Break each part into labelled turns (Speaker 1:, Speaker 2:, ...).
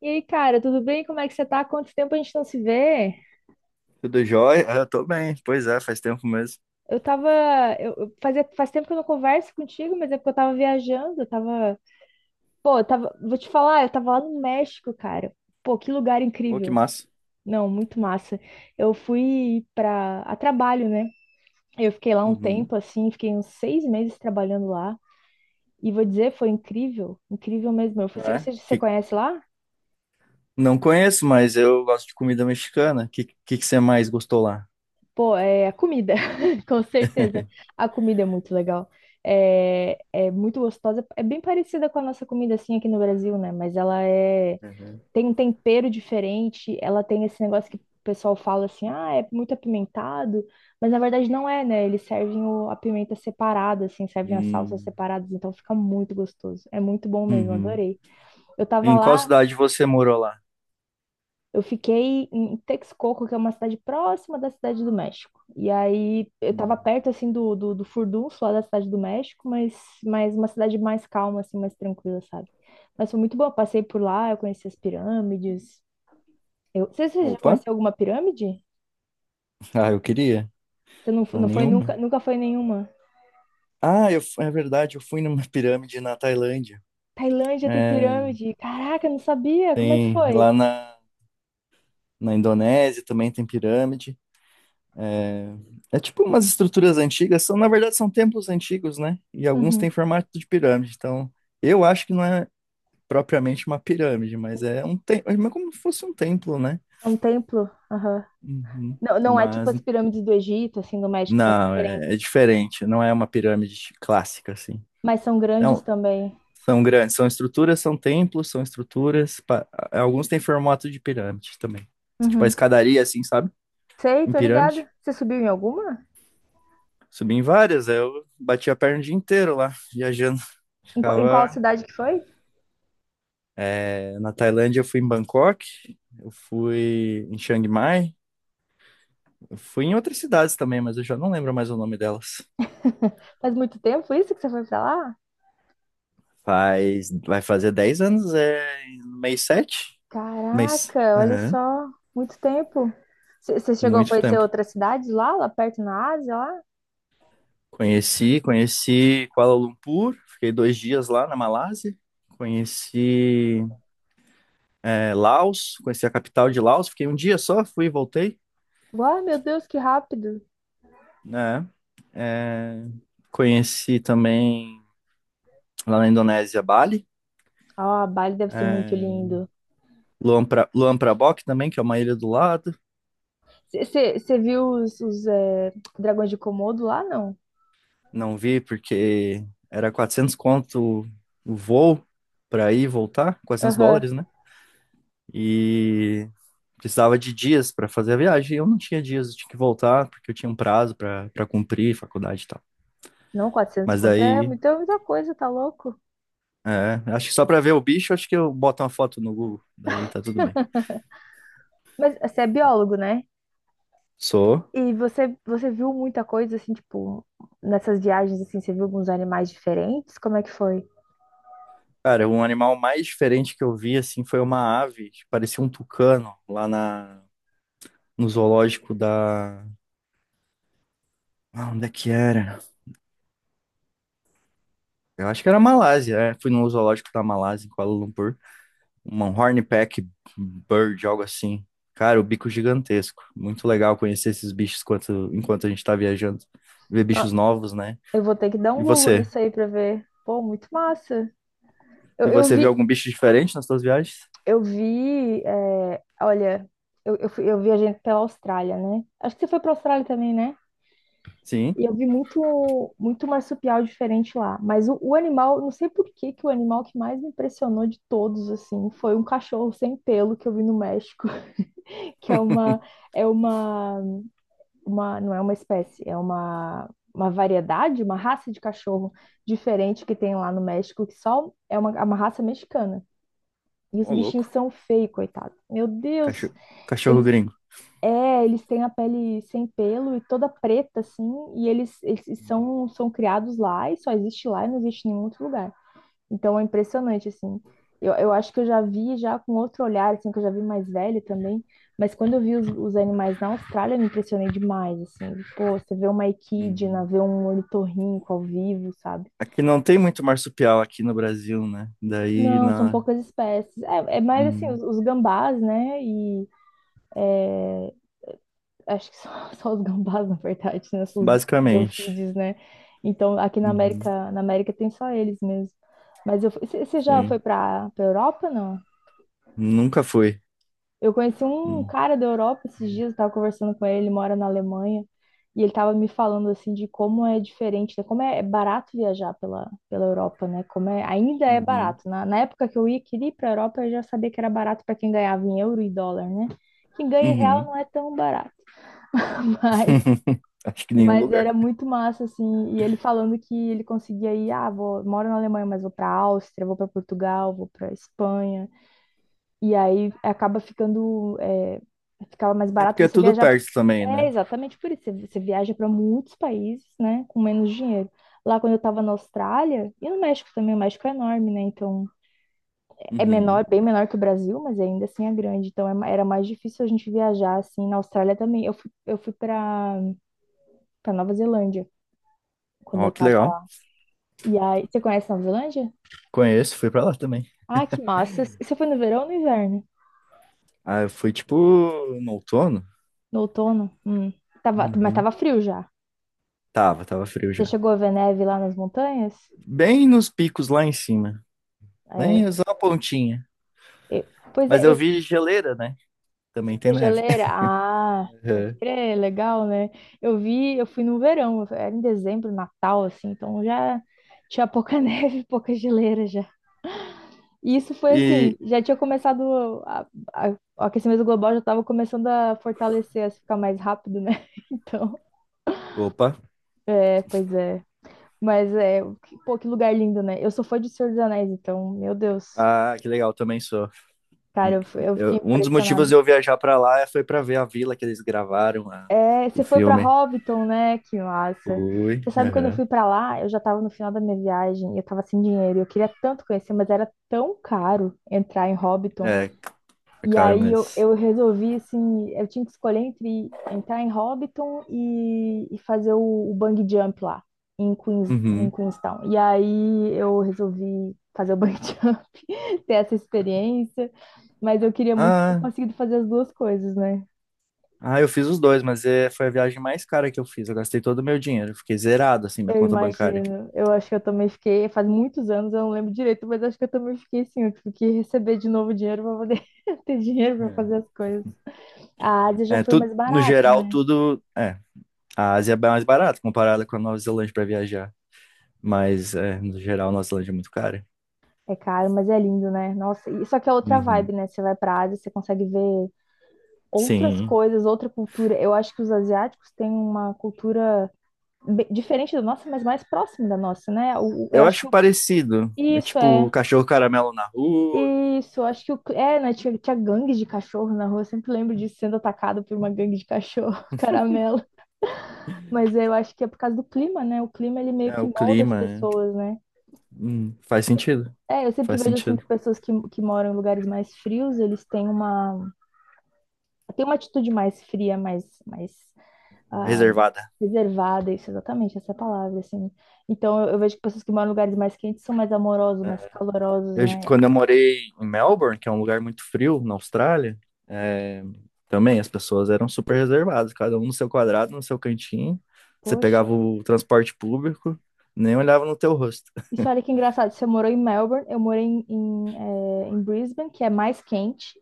Speaker 1: E aí, cara, tudo bem? Como é que você tá? Quanto tempo a gente não se vê?
Speaker 2: Tudo jóia? Ah, eu tô bem. Pois é, faz tempo mesmo.
Speaker 1: Eu tava. Faz tempo que eu não converso contigo, mas é porque eu tava viajando. Eu tava. Pô, eu tava. Vou te falar, eu tava lá no México, cara. Pô, que lugar
Speaker 2: Ô, que
Speaker 1: incrível.
Speaker 2: massa.
Speaker 1: Não, muito massa. Eu fui a trabalho, né? Eu fiquei lá um tempo,
Speaker 2: Uhum.
Speaker 1: assim, fiquei uns 6 meses trabalhando lá. E vou dizer, foi incrível, incrível mesmo. Você
Speaker 2: É?
Speaker 1: você- você conhece lá?
Speaker 2: Não conheço, mas eu gosto de comida mexicana. Que que você mais gostou lá?
Speaker 1: Pô, é a comida, com certeza. A comida é muito legal. É muito gostosa. É bem parecida com a nossa comida, assim, aqui no Brasil, né? Mas ela
Speaker 2: Uhum.
Speaker 1: tem um tempero diferente. Ela tem esse negócio que o pessoal fala assim, é muito apimentado. Mas na verdade não é, né? Eles servem a pimenta separada, assim, servem as salsas
Speaker 2: Hum,
Speaker 1: separadas. Então fica muito gostoso. É muito bom mesmo,
Speaker 2: uhum.
Speaker 1: adorei. Eu tava
Speaker 2: Em qual
Speaker 1: lá.
Speaker 2: cidade você morou lá?
Speaker 1: Eu fiquei em Texcoco, que é uma cidade próxima da Cidade do México. E aí eu tava
Speaker 2: Hum.
Speaker 1: perto assim do furdunço lá da Cidade do México, mas uma cidade mais calma, assim, mais tranquila, sabe? Mas foi muito bom. Eu passei por lá, eu conheci as pirâmides. Você já
Speaker 2: Opa.
Speaker 1: conheceu alguma pirâmide?
Speaker 2: Ah, eu queria.
Speaker 1: Você não,
Speaker 2: Não,
Speaker 1: não foi nunca,
Speaker 2: nenhuma.
Speaker 1: nunca foi nenhuma?
Speaker 2: Ah, é verdade, eu fui numa pirâmide na Tailândia.
Speaker 1: Tailândia tem
Speaker 2: É,
Speaker 1: pirâmide. Caraca, eu não sabia. Como é que
Speaker 2: tem lá
Speaker 1: foi?
Speaker 2: na Indonésia também tem pirâmide. É, é tipo umas estruturas antigas, são, na verdade são templos antigos, né? E alguns
Speaker 1: Uhum.
Speaker 2: têm formato de pirâmide. Então, eu acho que não é propriamente uma pirâmide, mas é um templo, é como se fosse um templo, né?
Speaker 1: É um templo. Aham.
Speaker 2: Uhum.
Speaker 1: Não, não é tipo
Speaker 2: Mas
Speaker 1: as pirâmides do Egito, assim, do México, são
Speaker 2: não,
Speaker 1: diferentes,
Speaker 2: é diferente, não é uma pirâmide clássica assim.
Speaker 1: mas são grandes
Speaker 2: Então,
Speaker 1: também.
Speaker 2: são grandes, são estruturas, são templos, são estruturas, alguns têm formato de pirâmide também. Tipo a
Speaker 1: Uhum.
Speaker 2: escadaria assim, sabe?
Speaker 1: Sei,
Speaker 2: Em
Speaker 1: tô ligada.
Speaker 2: pirâmide.
Speaker 1: Você subiu em alguma?
Speaker 2: Subi em várias, aí eu bati a perna o dia inteiro lá, viajando.
Speaker 1: Em qual
Speaker 2: Ficava
Speaker 1: cidade que foi?
Speaker 2: na Tailândia, eu fui em Bangkok, eu fui em Chiang Mai, eu fui em outras cidades também, mas eu já não lembro mais o nome delas.
Speaker 1: Faz muito tempo isso que você foi pra lá?
Speaker 2: Faz, vai fazer 10 anos, é no mês sete. Mês.
Speaker 1: Caraca, olha
Speaker 2: Aham.
Speaker 1: só, muito tempo. Você chegou a
Speaker 2: Muito
Speaker 1: conhecer
Speaker 2: tempo.
Speaker 1: outras cidades lá perto na Ásia, lá?
Speaker 2: Conheci Kuala Lumpur, fiquei 2 dias lá na Malásia. Conheci Laos, conheci a capital de Laos, fiquei um dia só, fui e voltei.
Speaker 1: Uau, meu Deus, que rápido.
Speaker 2: Né? Conheci também lá na Indonésia, Bali.
Speaker 1: Ah, Bali deve ser muito
Speaker 2: É,
Speaker 1: lindo.
Speaker 2: Luang Prabang também, que é uma ilha do lado.
Speaker 1: Você viu os dragões de Komodo lá, não?
Speaker 2: Não vi porque era 400 conto o voo para ir e voltar, quatrocentos
Speaker 1: Aham.
Speaker 2: dólares, né? E precisava de dias para fazer a viagem. Eu não tinha dias, eu tinha que voltar porque eu tinha um prazo para cumprir, faculdade e tal.
Speaker 1: Não, 400
Speaker 2: Mas
Speaker 1: conto é
Speaker 2: daí,
Speaker 1: muita, muita coisa, tá louco?
Speaker 2: é, acho que só para ver o bicho, acho que eu boto uma foto no Google, daí tá tudo bem.
Speaker 1: Mas você é biólogo, né?
Speaker 2: Sou.
Speaker 1: E você viu muita coisa, assim, tipo, nessas viagens, assim, você viu alguns animais diferentes? Como é que foi?
Speaker 2: Cara, um animal mais diferente que eu vi, assim, foi uma ave, que parecia um tucano, lá no zoológico Ah, onde é que era? Eu acho que era Malásia, é. Fui no zoológico da Malásia, em Kuala Lumpur. Uma hornpeck bird, algo assim. Cara, o bico gigantesco. Muito legal conhecer esses bichos enquanto a gente tá viajando. Ver
Speaker 1: Nó-
Speaker 2: bichos novos, né?
Speaker 1: Eu vou ter que dar
Speaker 2: E
Speaker 1: um Google
Speaker 2: você?
Speaker 1: nisso aí pra ver. Pô, muito massa.
Speaker 2: E
Speaker 1: Eu, eu
Speaker 2: você viu
Speaker 1: vi,
Speaker 2: algum bicho diferente nas suas viagens?
Speaker 1: eu vi, é, olha, eu, fui- eu viajei pela Austrália, né? Acho que você foi pra Austrália também, né?
Speaker 2: Sim?
Speaker 1: E eu vi muito, muito marsupial diferente lá. Mas o animal, não sei por que que o animal que mais me impressionou de todos, assim, foi um cachorro sem pelo que eu vi no México, que é uma não é uma espécie, é uma variedade, uma raça de cachorro diferente que tem lá no México, que só é uma raça mexicana. E os
Speaker 2: Ô,
Speaker 1: bichinhos
Speaker 2: louco.
Speaker 1: são feios, coitado. Meu Deus,
Speaker 2: Cachorro, cachorro
Speaker 1: eles
Speaker 2: gringo.
Speaker 1: eles têm a pele sem pelo e toda preta assim, e eles são criados lá e só existe lá e não existe em nenhum outro lugar. Então é impressionante, assim. Eu acho que eu já vi já com outro olhar, assim, que eu já vi mais velho também. Mas quando eu vi os animais na Austrália, eu me impressionei demais, assim. Pô, você vê uma equidna,
Speaker 2: Uhum.
Speaker 1: vê um ornitorrinco ao vivo, sabe?
Speaker 2: Aqui não tem muito marsupial aqui no Brasil, né? Daí
Speaker 1: Não, são
Speaker 2: na.
Speaker 1: poucas espécies. É mais assim,
Speaker 2: Uhum.
Speaker 1: os gambás, né? E acho que só, só os gambás, na verdade, né? São os
Speaker 2: Basicamente.
Speaker 1: delfídeos, né? Então, aqui na
Speaker 2: Uhum.
Speaker 1: América, na América tem só eles mesmo. Mas você já foi
Speaker 2: Sim.
Speaker 1: para a Europa, não?
Speaker 2: Nunca foi.
Speaker 1: Eu conheci um
Speaker 2: Uhum.
Speaker 1: cara da Europa esses dias, eu tava conversando com ele, ele mora na Alemanha, e ele tava me falando assim de como é diferente, né, como é barato viajar pela Europa, né? Como é, ainda é
Speaker 2: Uhum.
Speaker 1: barato. Na época que eu ia, queria ir pra Europa, eu já sabia que era barato para quem ganhava em euro e dólar, né? Quem ganha em real
Speaker 2: Uhum.
Speaker 1: não é tão barato, mas
Speaker 2: Acho que nenhum
Speaker 1: mas
Speaker 2: lugar.
Speaker 1: era muito massa assim, e ele falando que ele conseguia ir, vou, moro na Alemanha, mas vou pra Áustria, vou para Portugal, vou para Espanha. E aí acaba ficando, ficava mais
Speaker 2: É
Speaker 1: barato
Speaker 2: porque é
Speaker 1: você
Speaker 2: tudo
Speaker 1: viajar.
Speaker 2: perto também,
Speaker 1: É
Speaker 2: né?
Speaker 1: exatamente por isso. Você viaja para muitos países, né, com menos dinheiro. Lá quando eu estava na Austrália e no México também, o México é enorme, né? Então é
Speaker 2: Uhum.
Speaker 1: menor, bem menor que o Brasil, mas ainda assim é grande. Então era mais difícil a gente viajar assim. Na Austrália também. Eu fui para Nova Zelândia quando eu
Speaker 2: Ó, que
Speaker 1: estava
Speaker 2: legal.
Speaker 1: lá. E aí, você conhece Nova Zelândia?
Speaker 2: Conheço, fui pra lá também.
Speaker 1: Ah, que massa. Você foi no verão ou no inverno?
Speaker 2: Ah, eu fui tipo no outono?
Speaker 1: No outono? Hum. Tava, mas
Speaker 2: Uhum.
Speaker 1: tava frio já.
Speaker 2: Tava frio
Speaker 1: Você
Speaker 2: já.
Speaker 1: chegou a ver neve lá nas montanhas?
Speaker 2: Bem nos picos lá em cima.
Speaker 1: É.
Speaker 2: Bem só a pontinha.
Speaker 1: eu- pois
Speaker 2: Mas
Speaker 1: é, eu
Speaker 2: eu vi geleira, né?
Speaker 1: fui
Speaker 2: Também tem
Speaker 1: essa
Speaker 2: neve.
Speaker 1: geleira. Ah, pode
Speaker 2: Uhum.
Speaker 1: crer, legal, né? Eu fui no verão, era em dezembro, Natal, assim, então já tinha pouca neve, pouca geleira já. E isso foi assim,
Speaker 2: E.
Speaker 1: já tinha começado, a- o aquecimento global já estava começando a fortalecer, a ficar mais rápido, né? Então,
Speaker 2: Opa.
Speaker 1: pois é. Mas é, pô, que lugar lindo, né? Eu sou fã de Senhor dos Anéis, então, meu Deus.
Speaker 2: Ah, que legal, também sou.
Speaker 1: Cara, eu fiquei
Speaker 2: Um dos motivos
Speaker 1: impressionada.
Speaker 2: de eu viajar pra lá foi pra ver a vila que eles gravaram,
Speaker 1: É,
Speaker 2: o
Speaker 1: você foi pra
Speaker 2: filme.
Speaker 1: Hobbiton, né? Que massa.
Speaker 2: Fui,
Speaker 1: Você sabe, quando eu
Speaker 2: aham.
Speaker 1: fui pra lá, eu já tava no final da minha viagem, e eu tava sem dinheiro, e eu queria tanto conhecer, mas era tão caro entrar em Hobbiton.
Speaker 2: É, é
Speaker 1: E
Speaker 2: caro
Speaker 1: aí
Speaker 2: mesmo.
Speaker 1: eu resolvi, assim, eu tinha que escolher entre entrar em Hobbiton e fazer o bungee jump lá, em
Speaker 2: Uhum.
Speaker 1: Queenstown. E aí eu resolvi fazer o bungee jump, ter essa experiência, mas eu queria muito ter
Speaker 2: Ah,
Speaker 1: conseguido fazer as duas coisas, né?
Speaker 2: ah, eu fiz os dois, mas foi a viagem mais cara que eu fiz. Eu gastei todo o meu dinheiro. Eu fiquei zerado, assim, minha
Speaker 1: Eu
Speaker 2: conta bancária.
Speaker 1: imagino. Eu acho que eu também fiquei, faz muitos anos, eu não lembro direito, mas acho que eu também fiquei assim, eu tive que receber de novo dinheiro para poder ter dinheiro para
Speaker 2: É,
Speaker 1: fazer as coisas. A Ásia já
Speaker 2: é
Speaker 1: foi
Speaker 2: tudo,
Speaker 1: mais
Speaker 2: no
Speaker 1: barato,
Speaker 2: geral,
Speaker 1: né?
Speaker 2: tudo. É, a Ásia é mais barata comparada com a Nova Zelândia pra viajar. Mas, é, no geral, a Nova Zelândia é muito cara.
Speaker 1: É caro, mas é lindo, né? Nossa, só que é outra
Speaker 2: Uhum.
Speaker 1: vibe, né? Você vai pra Ásia, você consegue ver outras
Speaker 2: Sim.
Speaker 1: coisas, outra cultura. Eu acho que os asiáticos têm uma cultura diferente da nossa, mas mais próxima da nossa, né? Eu
Speaker 2: Eu
Speaker 1: acho que
Speaker 2: acho parecido. É
Speaker 1: isso
Speaker 2: tipo
Speaker 1: é.
Speaker 2: o cachorro caramelo na rua,
Speaker 1: Isso, acho que né? Tinha gangue de cachorro na rua. Eu sempre lembro disso sendo atacado por uma gangue de cachorro, caramelo. Mas eu acho que é por causa do clima, né? O clima ele meio
Speaker 2: é
Speaker 1: que
Speaker 2: o
Speaker 1: molda as
Speaker 2: clima. É.
Speaker 1: pessoas, né?
Speaker 2: Faz sentido.
Speaker 1: É, eu sempre
Speaker 2: Faz
Speaker 1: vejo assim que
Speaker 2: sentido.
Speaker 1: pessoas que moram em lugares mais frios, eles têm uma atitude mais fria, mais ah,
Speaker 2: Reservada.
Speaker 1: reservada, isso exatamente, essa é a palavra, assim. Então eu vejo que pessoas que moram em lugares mais quentes são mais amorosos, mais calorosos, né?
Speaker 2: Quando eu morei em Melbourne, que é um lugar muito frio na Austrália, é, também as pessoas eram super reservadas, cada um no seu quadrado, no seu cantinho. Você
Speaker 1: Poxa.
Speaker 2: pegava o transporte público, nem olhava no teu rosto.
Speaker 1: Isso, olha que engraçado. Você morou em Melbourne, eu morei em Brisbane, que é mais quente.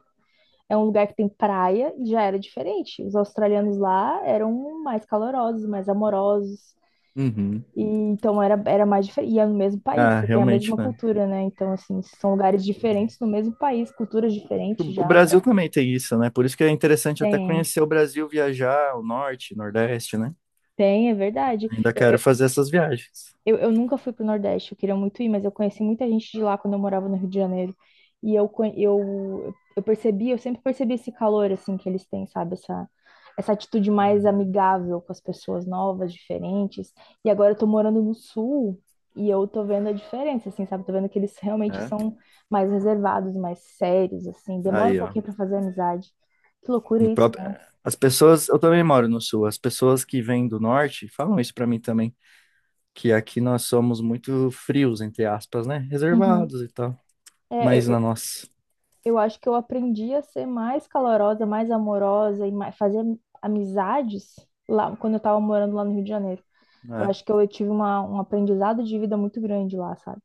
Speaker 1: É um lugar que tem praia e já era diferente. Os australianos lá eram mais calorosos, mais amorosos.
Speaker 2: Uhum.
Speaker 1: E, então era mais diferente. E é no mesmo país,
Speaker 2: Ah,
Speaker 1: você tem a
Speaker 2: realmente,
Speaker 1: mesma
Speaker 2: né?
Speaker 1: cultura, né? Então, assim, são lugares diferentes no mesmo país, culturas diferentes
Speaker 2: O
Speaker 1: já, né?
Speaker 2: Brasil também tem isso, né? Por isso que é interessante até
Speaker 1: Tem,
Speaker 2: conhecer o Brasil, viajar, o norte, nordeste, né?
Speaker 1: tem, é verdade.
Speaker 2: Ainda
Speaker 1: Eu,
Speaker 2: quero
Speaker 1: eu,
Speaker 2: fazer essas viagens,
Speaker 1: Eu, eu nunca fui pro Nordeste, eu queria muito ir, mas eu conheci muita gente de lá quando eu morava no Rio de Janeiro. E eu sempre percebi esse calor, assim, que eles têm, sabe? Essa atitude mais
Speaker 2: uhum,
Speaker 1: amigável com as pessoas novas, diferentes. E agora eu tô morando no Sul e eu tô vendo a diferença, assim, sabe? Tô vendo que eles realmente
Speaker 2: né?
Speaker 1: são mais reservados, mais sérios, assim. Demora um
Speaker 2: Aí, ó.
Speaker 1: pouquinho pra fazer amizade. Que loucura
Speaker 2: No
Speaker 1: isso,
Speaker 2: próprio...
Speaker 1: né?
Speaker 2: As pessoas, eu também moro no sul, as pessoas que vêm do norte falam isso pra mim também, que aqui nós somos muito frios, entre aspas, né?
Speaker 1: Uhum.
Speaker 2: Reservados e tal.
Speaker 1: É,
Speaker 2: Mas
Speaker 1: eu,
Speaker 2: na nossa,
Speaker 1: eu acho que eu aprendi a ser mais calorosa, mais amorosa e mais, fazer amizades lá quando eu tava morando lá no Rio de Janeiro. Eu
Speaker 2: né?
Speaker 1: acho que eu, tive um aprendizado de vida muito grande lá, sabe?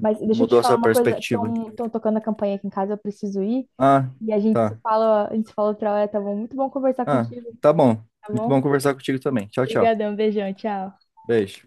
Speaker 1: Mas deixa eu te
Speaker 2: Mudou
Speaker 1: falar
Speaker 2: essa
Speaker 1: uma coisa,
Speaker 2: perspectiva.
Speaker 1: estão tocando a campainha aqui em casa, eu preciso ir.
Speaker 2: Ah,
Speaker 1: E a gente se
Speaker 2: tá.
Speaker 1: fala, a gente se fala outra hora, tá bom? Muito bom conversar
Speaker 2: Ah,
Speaker 1: contigo,
Speaker 2: tá bom.
Speaker 1: tá
Speaker 2: Muito
Speaker 1: bom?
Speaker 2: bom conversar contigo também. Tchau, tchau.
Speaker 1: Obrigadão, beijão, tchau.
Speaker 2: Beijo.